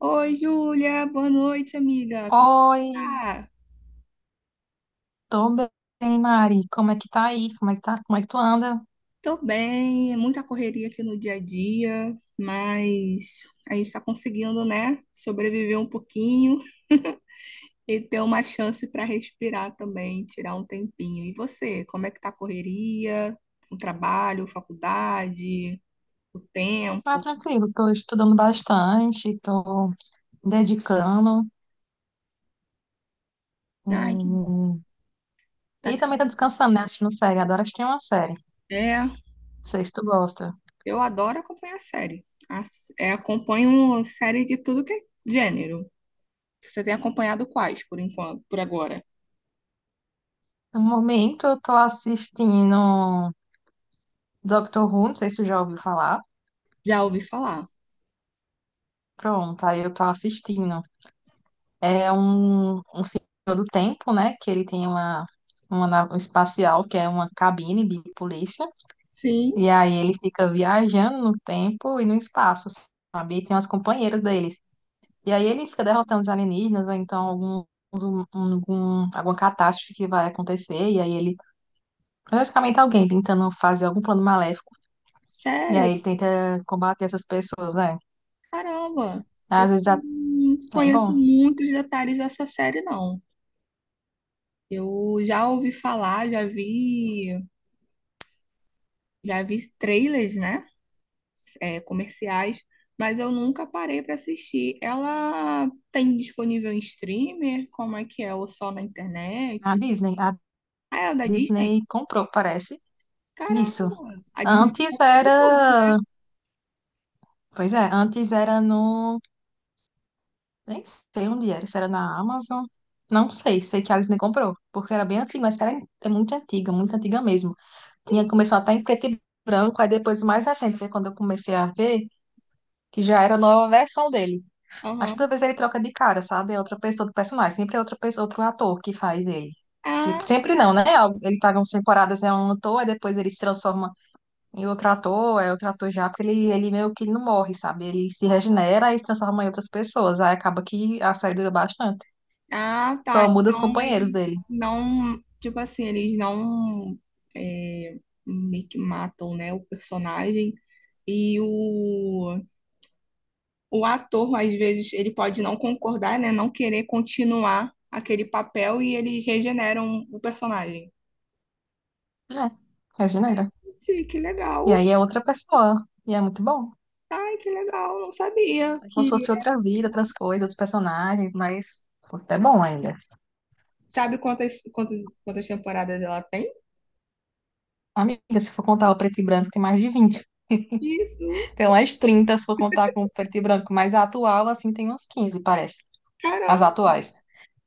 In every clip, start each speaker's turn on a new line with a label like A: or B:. A: Oi, Júlia, boa noite, amiga. Como
B: Oi,
A: tá?
B: tô bem, Mari. Como é que tá aí? Como é que tá? Como é que tu anda?
A: Tô bem, é muita correria aqui no dia a dia, mas a gente tá conseguindo, né, sobreviver um pouquinho e ter uma chance para respirar também, tirar um tempinho. E você, como é que tá a correria? O trabalho, faculdade, o
B: Ah,
A: tempo?
B: tranquilo, tô estudando bastante, tô dedicando.
A: Ai, que bom.
B: hum,
A: Tá
B: E também tô
A: tendo...
B: descansando, né? Assistindo série. Adoro assistir uma série. Não
A: É,
B: sei se tu gosta.
A: eu adoro acompanhar série. É, acompanho série de tudo que é gênero. Você tem acompanhado quais, por enquanto, por agora?
B: No momento eu tô assistindo Doctor Who, não sei se tu já ouviu falar.
A: Já ouvi falar.
B: Pronto, aí eu tô assistindo. É um todo tempo, né? Que ele tem uma nave espacial, que é uma cabine de polícia.
A: Sim,
B: E aí ele fica viajando no tempo e no espaço, sabe? E tem umas companheiras deles. E aí ele fica derrotando os alienígenas, ou então algum, algum, alguma catástrofe que vai acontecer. E aí ele, praticamente alguém tentando fazer algum plano maléfico. E
A: sério?
B: aí ele tenta combater essas pessoas, né?
A: Caramba! Eu
B: Às vezes
A: não
B: é
A: conheço
B: bom.
A: muitos detalhes dessa série, não. Eu já ouvi falar, já vi trailers, né? É, comerciais, mas eu nunca parei para assistir. Ela tem disponível em streamer? Como é que é? Ou só na
B: A
A: internet?
B: Disney, a
A: Ah, ela é da Disney?
B: Disney comprou, parece. Isso.
A: Caramba! A Disney tá
B: Antes
A: comprando tudo.
B: era. Pois é, antes era no. Nem sei onde era, se era na Amazon. Não sei, sei que a Disney comprou, porque era bem antiga, mas era, é muito antiga mesmo. Tinha, começou até em preto e branco, aí depois o mais recente, foi quando eu comecei a ver, que já era a nova versão dele. Mas toda
A: Aham.
B: vez ele troca de cara, sabe? É outra pessoa do personagem, sempre é outra pessoa, outro ator que faz ele. Tipo,
A: Ah,
B: sempre não, né? Ele paga umas temporadas, é um ator, aí depois ele se transforma e o trator é o trator já, porque ele meio que não morre, sabe? Ele se regenera e se transforma em outras pessoas. Aí acaba que a série dura bastante.
A: Ah, tá.
B: Só muda os
A: Então
B: companheiros
A: ele
B: dele.
A: não, tipo assim, eles não é, meio que matam, né, o personagem e o ator, às vezes, ele pode não concordar, né, não querer continuar aquele papel e eles regeneram o personagem.
B: É, regenera.
A: Sim, que
B: E
A: legal.
B: aí é outra pessoa. E é muito bom.
A: Ai, que legal. Não sabia
B: É como se
A: que...
B: fosse outra vida, outras coisas, outros personagens, mas é bom ainda.
A: Sabe quantas, quantas temporadas ela tem?
B: Amiga, se for contar o preto e branco, tem mais de 20. Tem
A: Jesus,
B: umas 30 se for contar com o preto e branco, mas a atual, assim, tem umas 15 parece. As
A: caramba.
B: atuais.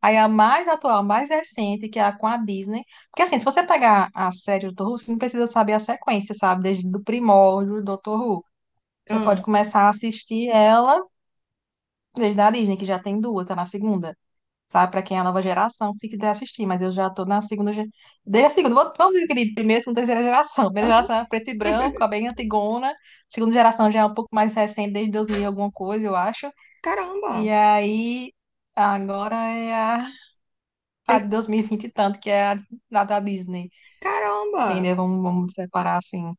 B: Aí a mais atual, a mais recente, que é a com a Disney. Porque assim, se você pegar a série do Dr. Who, você não precisa saber a sequência, sabe? Desde do primórdio do Dr. Who. Você pode
A: Ah,
B: começar a assistir ela desde a Disney, que já tem duas, tá na segunda. Sabe? Pra quem é a nova geração, se quiser assistir. Mas eu já tô na segunda. Desde a segunda, vamos dizer, querido, primeira, segunda, terceira geração. Primeira
A: aham.
B: geração é preto e branco, é bem antigona. Segunda geração já é um pouco mais recente, desde 2000 e alguma coisa, eu acho. E
A: Caramba.
B: aí, agora é a de
A: Tem-
B: 2020 e vinte e tanto, que é a da Disney,
A: Caramba.
B: entendeu? Vamos separar assim.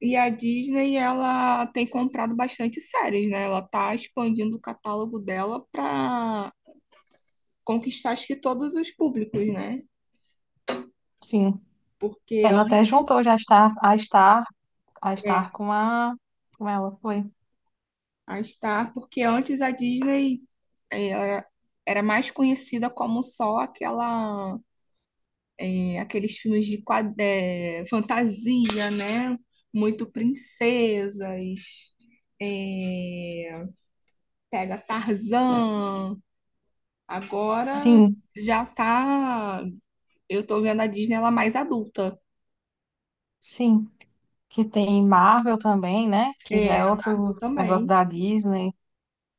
A: E a Disney, ela tem comprado bastante séries, né? Ela tá expandindo o catálogo dela para conquistar acho que todos os públicos, né?
B: Sim,
A: Porque
B: ela até juntou
A: antes,
B: já estar a estar a
A: é,
B: estar com ela foi.
A: a Star, porque antes a Disney é, era, era mais conhecida como só aquela, é, aqueles filmes de quad, é, fantasia, né? Muito princesas, é, pega Tarzan. Agora
B: Sim,
A: já tá. Eu tô vendo a Disney ela mais adulta.
B: sim, que tem Marvel também, né? Que já
A: É,
B: é
A: a Marvel
B: outro negócio
A: também.
B: da Disney.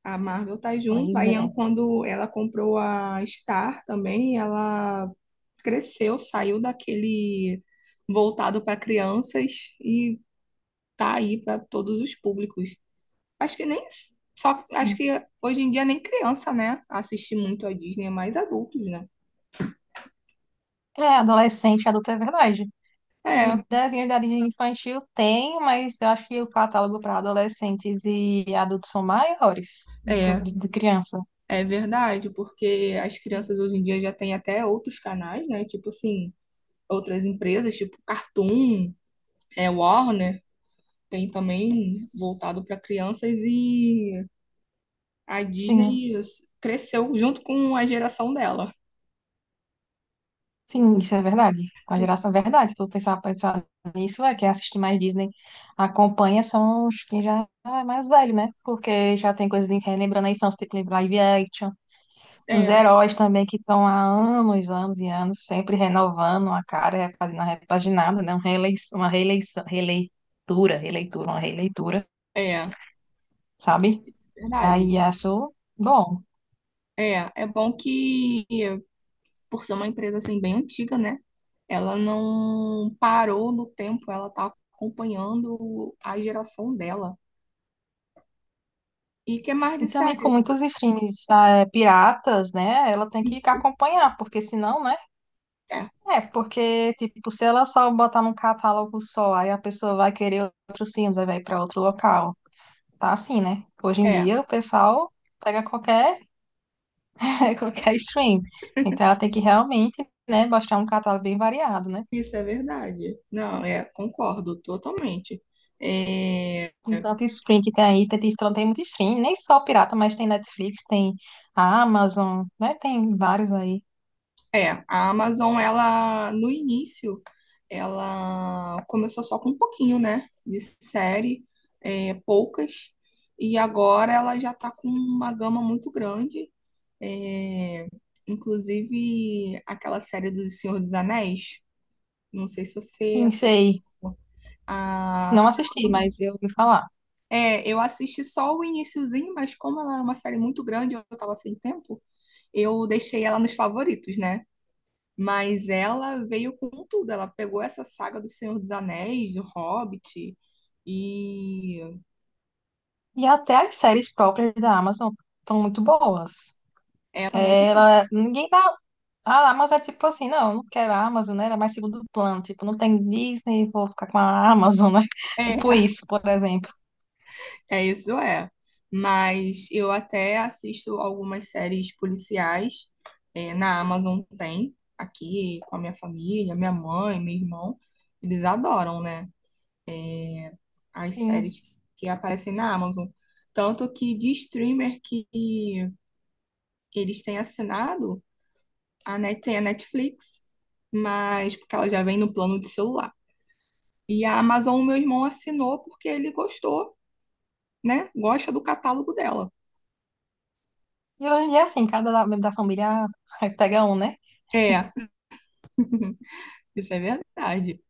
A: A Marvel tá
B: Pois
A: junto.
B: é.
A: Quando ela comprou a Star também, ela cresceu, saiu daquele voltado para crianças e tá aí para todos os públicos. Acho que nem só acho que hoje em dia nem criança, né, assiste muito a Disney, é mais adultos, né?
B: É, adolescente, adulto é verdade. Os
A: É,
B: desenhos da Disney infantil tem, mas eu acho que o catálogo para adolescentes e adultos são maiores do que o
A: é,
B: de criança.
A: é verdade, porque as crianças hoje em dia já têm até outros canais, né? Tipo assim, outras empresas, tipo Cartoon, é, Warner, tem também voltado para crianças e a
B: Sim.
A: Disney cresceu junto com a geração dela.
B: Sim, isso é verdade. A geração é verdade. Tu pensar, pensar nisso é que assiste mais Disney. Acompanha são os que já é mais velho, né? Porque já tem coisa de relembrando a infância, tipo live action. Os
A: É,
B: heróis também que estão há anos, anos e anos, sempre renovando a cara, é, fazendo a repaginada, né? Uma reeleição, releitura, uma releitura,
A: é,
B: sabe? E aí
A: verdade.
B: acho bom.
A: É, é bom que, por ser uma empresa assim bem antiga, né? Ela não parou no tempo, ela tá acompanhando a geração dela. E que mais
B: E
A: de
B: também com
A: série?
B: muitos streams, é, piratas, né? Ela tem que
A: Isso.
B: acompanhar, porque senão, né?
A: É,
B: É, porque, tipo, se ela só botar num catálogo só, aí a pessoa vai querer outros filmes, aí vai pra outro local. Tá assim, né? Hoje em
A: é.
B: dia o pessoal pega qualquer, qualquer stream. Então ela tem que realmente, né, mostrar um catálogo bem variado, né?
A: Isso é verdade. Não, é, concordo totalmente. É,
B: Com tanto stream que tem aí, tem muito stream, nem só pirata, mas tem Netflix, tem a Amazon, né? Tem vários aí.
A: é, a Amazon, ela, no início, ela começou só com um pouquinho, né, de série, é, poucas, e agora ela já tá com
B: Sim,
A: uma gama muito grande, é, inclusive aquela série do Senhor dos Anéis, não sei se você...
B: sim,
A: acompanhou.
B: sei.
A: A,
B: Não
A: a,
B: assisti,
A: Amazon.
B: mas eu ouvi falar.
A: É, eu assisti só o iniciozinho, mas como ela é uma série muito grande, eu tava sem tempo, eu deixei ela nos favoritos, né? Mas ela veio com tudo, ela pegou essa saga do Senhor dos Anéis, do Hobbit, e
B: E até as séries próprias da Amazon são muito boas.
A: essa é muito boa.
B: Ela, ninguém dá. A Amazon é tipo assim, não, eu não quero a Amazon, né? Era mais segundo plano. Tipo, não tem Disney, vou ficar com a Amazon, né? Tipo
A: É,
B: isso, por exemplo.
A: é isso é. Mas eu até assisto algumas séries policiais, é, na Amazon tem, aqui com a minha família, minha mãe, meu irmão, eles adoram, né? As
B: Sim.
A: séries que aparecem na Amazon. Tanto que de streamer que eles têm assinado, a Net, tem a Netflix, mas porque ela já vem no plano de celular. E a Amazon, meu irmão assinou porque ele gostou, né? Gosta do catálogo dela.
B: E hoje em dia, assim, cada membro da família aí pega um, né?
A: É, isso é verdade.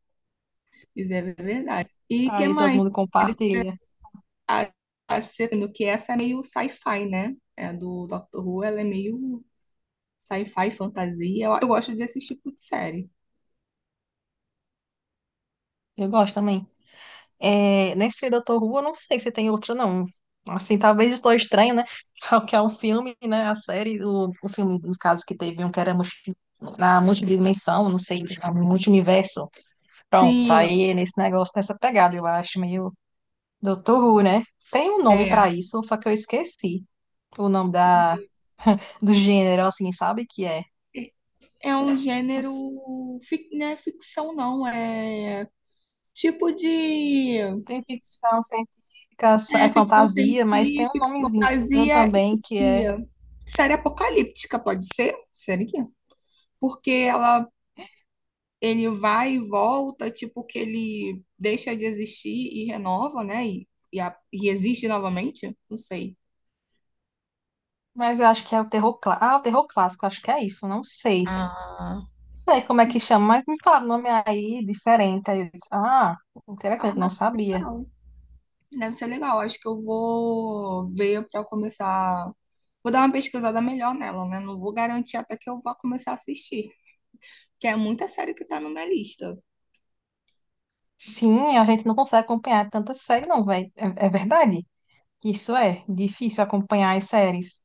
A: Isso é verdade. E que
B: Aí todo
A: mais?
B: mundo compartilha.
A: A, sendo que essa é meio sci-fi, né? É do Doctor Who, ela é meio sci-fi, fantasia. Eu gosto desse tipo de série.
B: Eu gosto também. É, nesse Doutor Who, eu não sei se tem outro, não. Assim, talvez estou Estranho, né? Que é um filme, né? A série, o filme, nos casos que teve um que era na multidimensão, não sei, multiverso. Pronto,
A: Sim,
B: aí é nesse negócio, nessa pegada, eu acho, meio Doutor Who, né? Tem um nome
A: é.
B: pra isso, só que eu esqueci o nome da, do gênero, assim, sabe que é?
A: É é um
B: Não sei.
A: gênero, fic- não é ficção não, é tipo de
B: Tem ficção científica, é
A: é, ficção
B: fantasia, mas tem um
A: científica,
B: nomezinho
A: fantasia
B: também que
A: e
B: é.
A: série apocalíptica, pode ser? Série que? Porque ela, ele vai e volta, tipo que ele deixa de existir e renova, né? E existe novamente, não sei.
B: Mas eu acho que é o terror clássico. Ah, o terror clássico, acho que é isso, não sei.
A: Ah,
B: Não sei como é que chama, mas me fala o nome aí diferente. Aí eu disse, ah,
A: ah,
B: interessante, não
A: deve ser
B: sabia.
A: legal. Deve ser legal. Acho que eu vou ver para começar. Vou dar uma pesquisada melhor nela, né? Não vou garantir até que eu vá começar a assistir, que é muita série que tá na minha lista.
B: Sim, a gente não consegue acompanhar tanta série, não, velho. É, é verdade. Isso é difícil acompanhar as séries.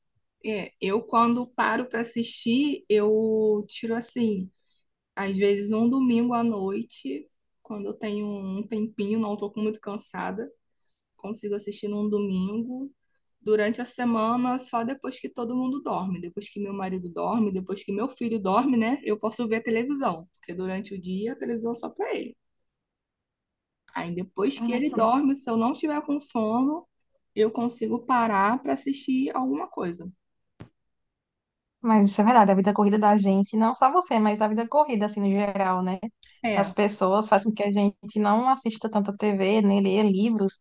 A: É, eu quando paro para assistir, eu tiro assim, às vezes um domingo à noite, quando eu tenho um tempinho, não tô muito cansada. Consigo assistir num domingo. Durante a semana, só depois que todo mundo dorme, depois que meu marido dorme, depois que meu filho dorme, né? Eu posso ver a televisão, porque durante o dia a televisão é só para ele. Aí depois que ele
B: Nossa.
A: dorme, se eu não tiver com sono, eu consigo parar para assistir alguma coisa.
B: Mas isso é verdade, a vida corrida da gente, não só você, mas a vida corrida, assim, no geral, né? Das
A: É,
B: pessoas faz com que a gente não assista tanto a TV, nem leia livros,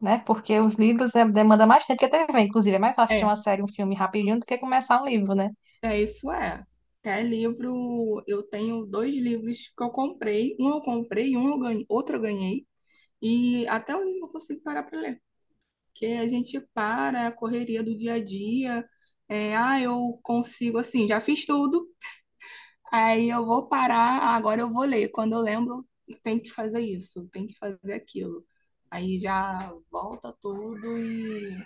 B: né? Porque os livros é, demanda mais tempo que a TV, inclusive. É mais fácil assistir
A: é,
B: uma série, um filme rapidinho do que começar um livro, né?
A: é isso é. Até livro, eu tenho dois livros que eu comprei, um eu comprei, um eu ganhei, outro eu ganhei, e até hoje eu não consigo parar para ler. Que a gente para é a correria do dia a dia. É, ah, eu consigo, assim, já fiz tudo, aí eu vou parar, agora eu vou ler. Quando eu lembro, tem que fazer isso, tem que fazer aquilo. Aí já volta tudo e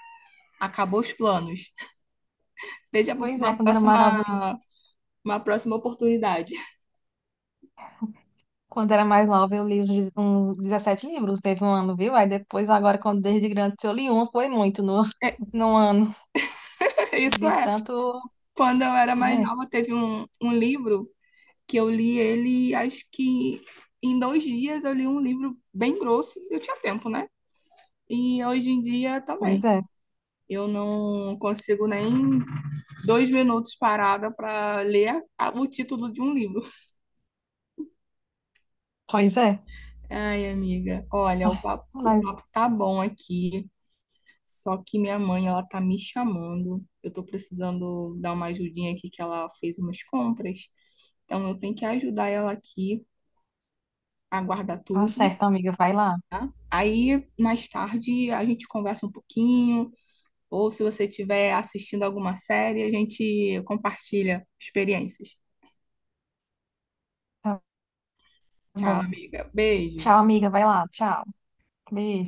A: acabou os planos. Veja
B: Pois é, quando eu era mais nova,
A: uma próxima oportunidade.
B: quando eu era mais nova, eu li uns 17 livros, teve um ano, viu? Aí depois, agora, quando desde grande, se eu li um, foi muito no, no ano,
A: Isso
B: de
A: é.
B: tanto,
A: Quando eu era mais
B: né?
A: nova, teve um livro que eu li ele, acho que em 2 dias eu li um livro bem grosso. Eu tinha tempo, né? E hoje em dia
B: Pois
A: também.
B: é.
A: Eu não consigo nem 2 minutos parada para ler o título de um livro.
B: Pois é.
A: Ai, amiga, olha,
B: Ai,
A: o
B: mas
A: papo tá bom aqui, só que minha mãe, ela tá me chamando. Eu tô precisando dar uma ajudinha aqui, que ela fez umas compras. Então, eu tenho que ajudar ela aqui a guardar
B: tá
A: tudo,
B: certo, amiga. Vai lá.
A: tá? Aí, mais tarde, a gente conversa um pouquinho, ou se você estiver assistindo alguma série, a gente compartilha experiências.
B: Tá
A: Tchau,
B: bom.
A: amiga. Beijo.
B: Tchau, amiga. Vai lá. Tchau. Beijo.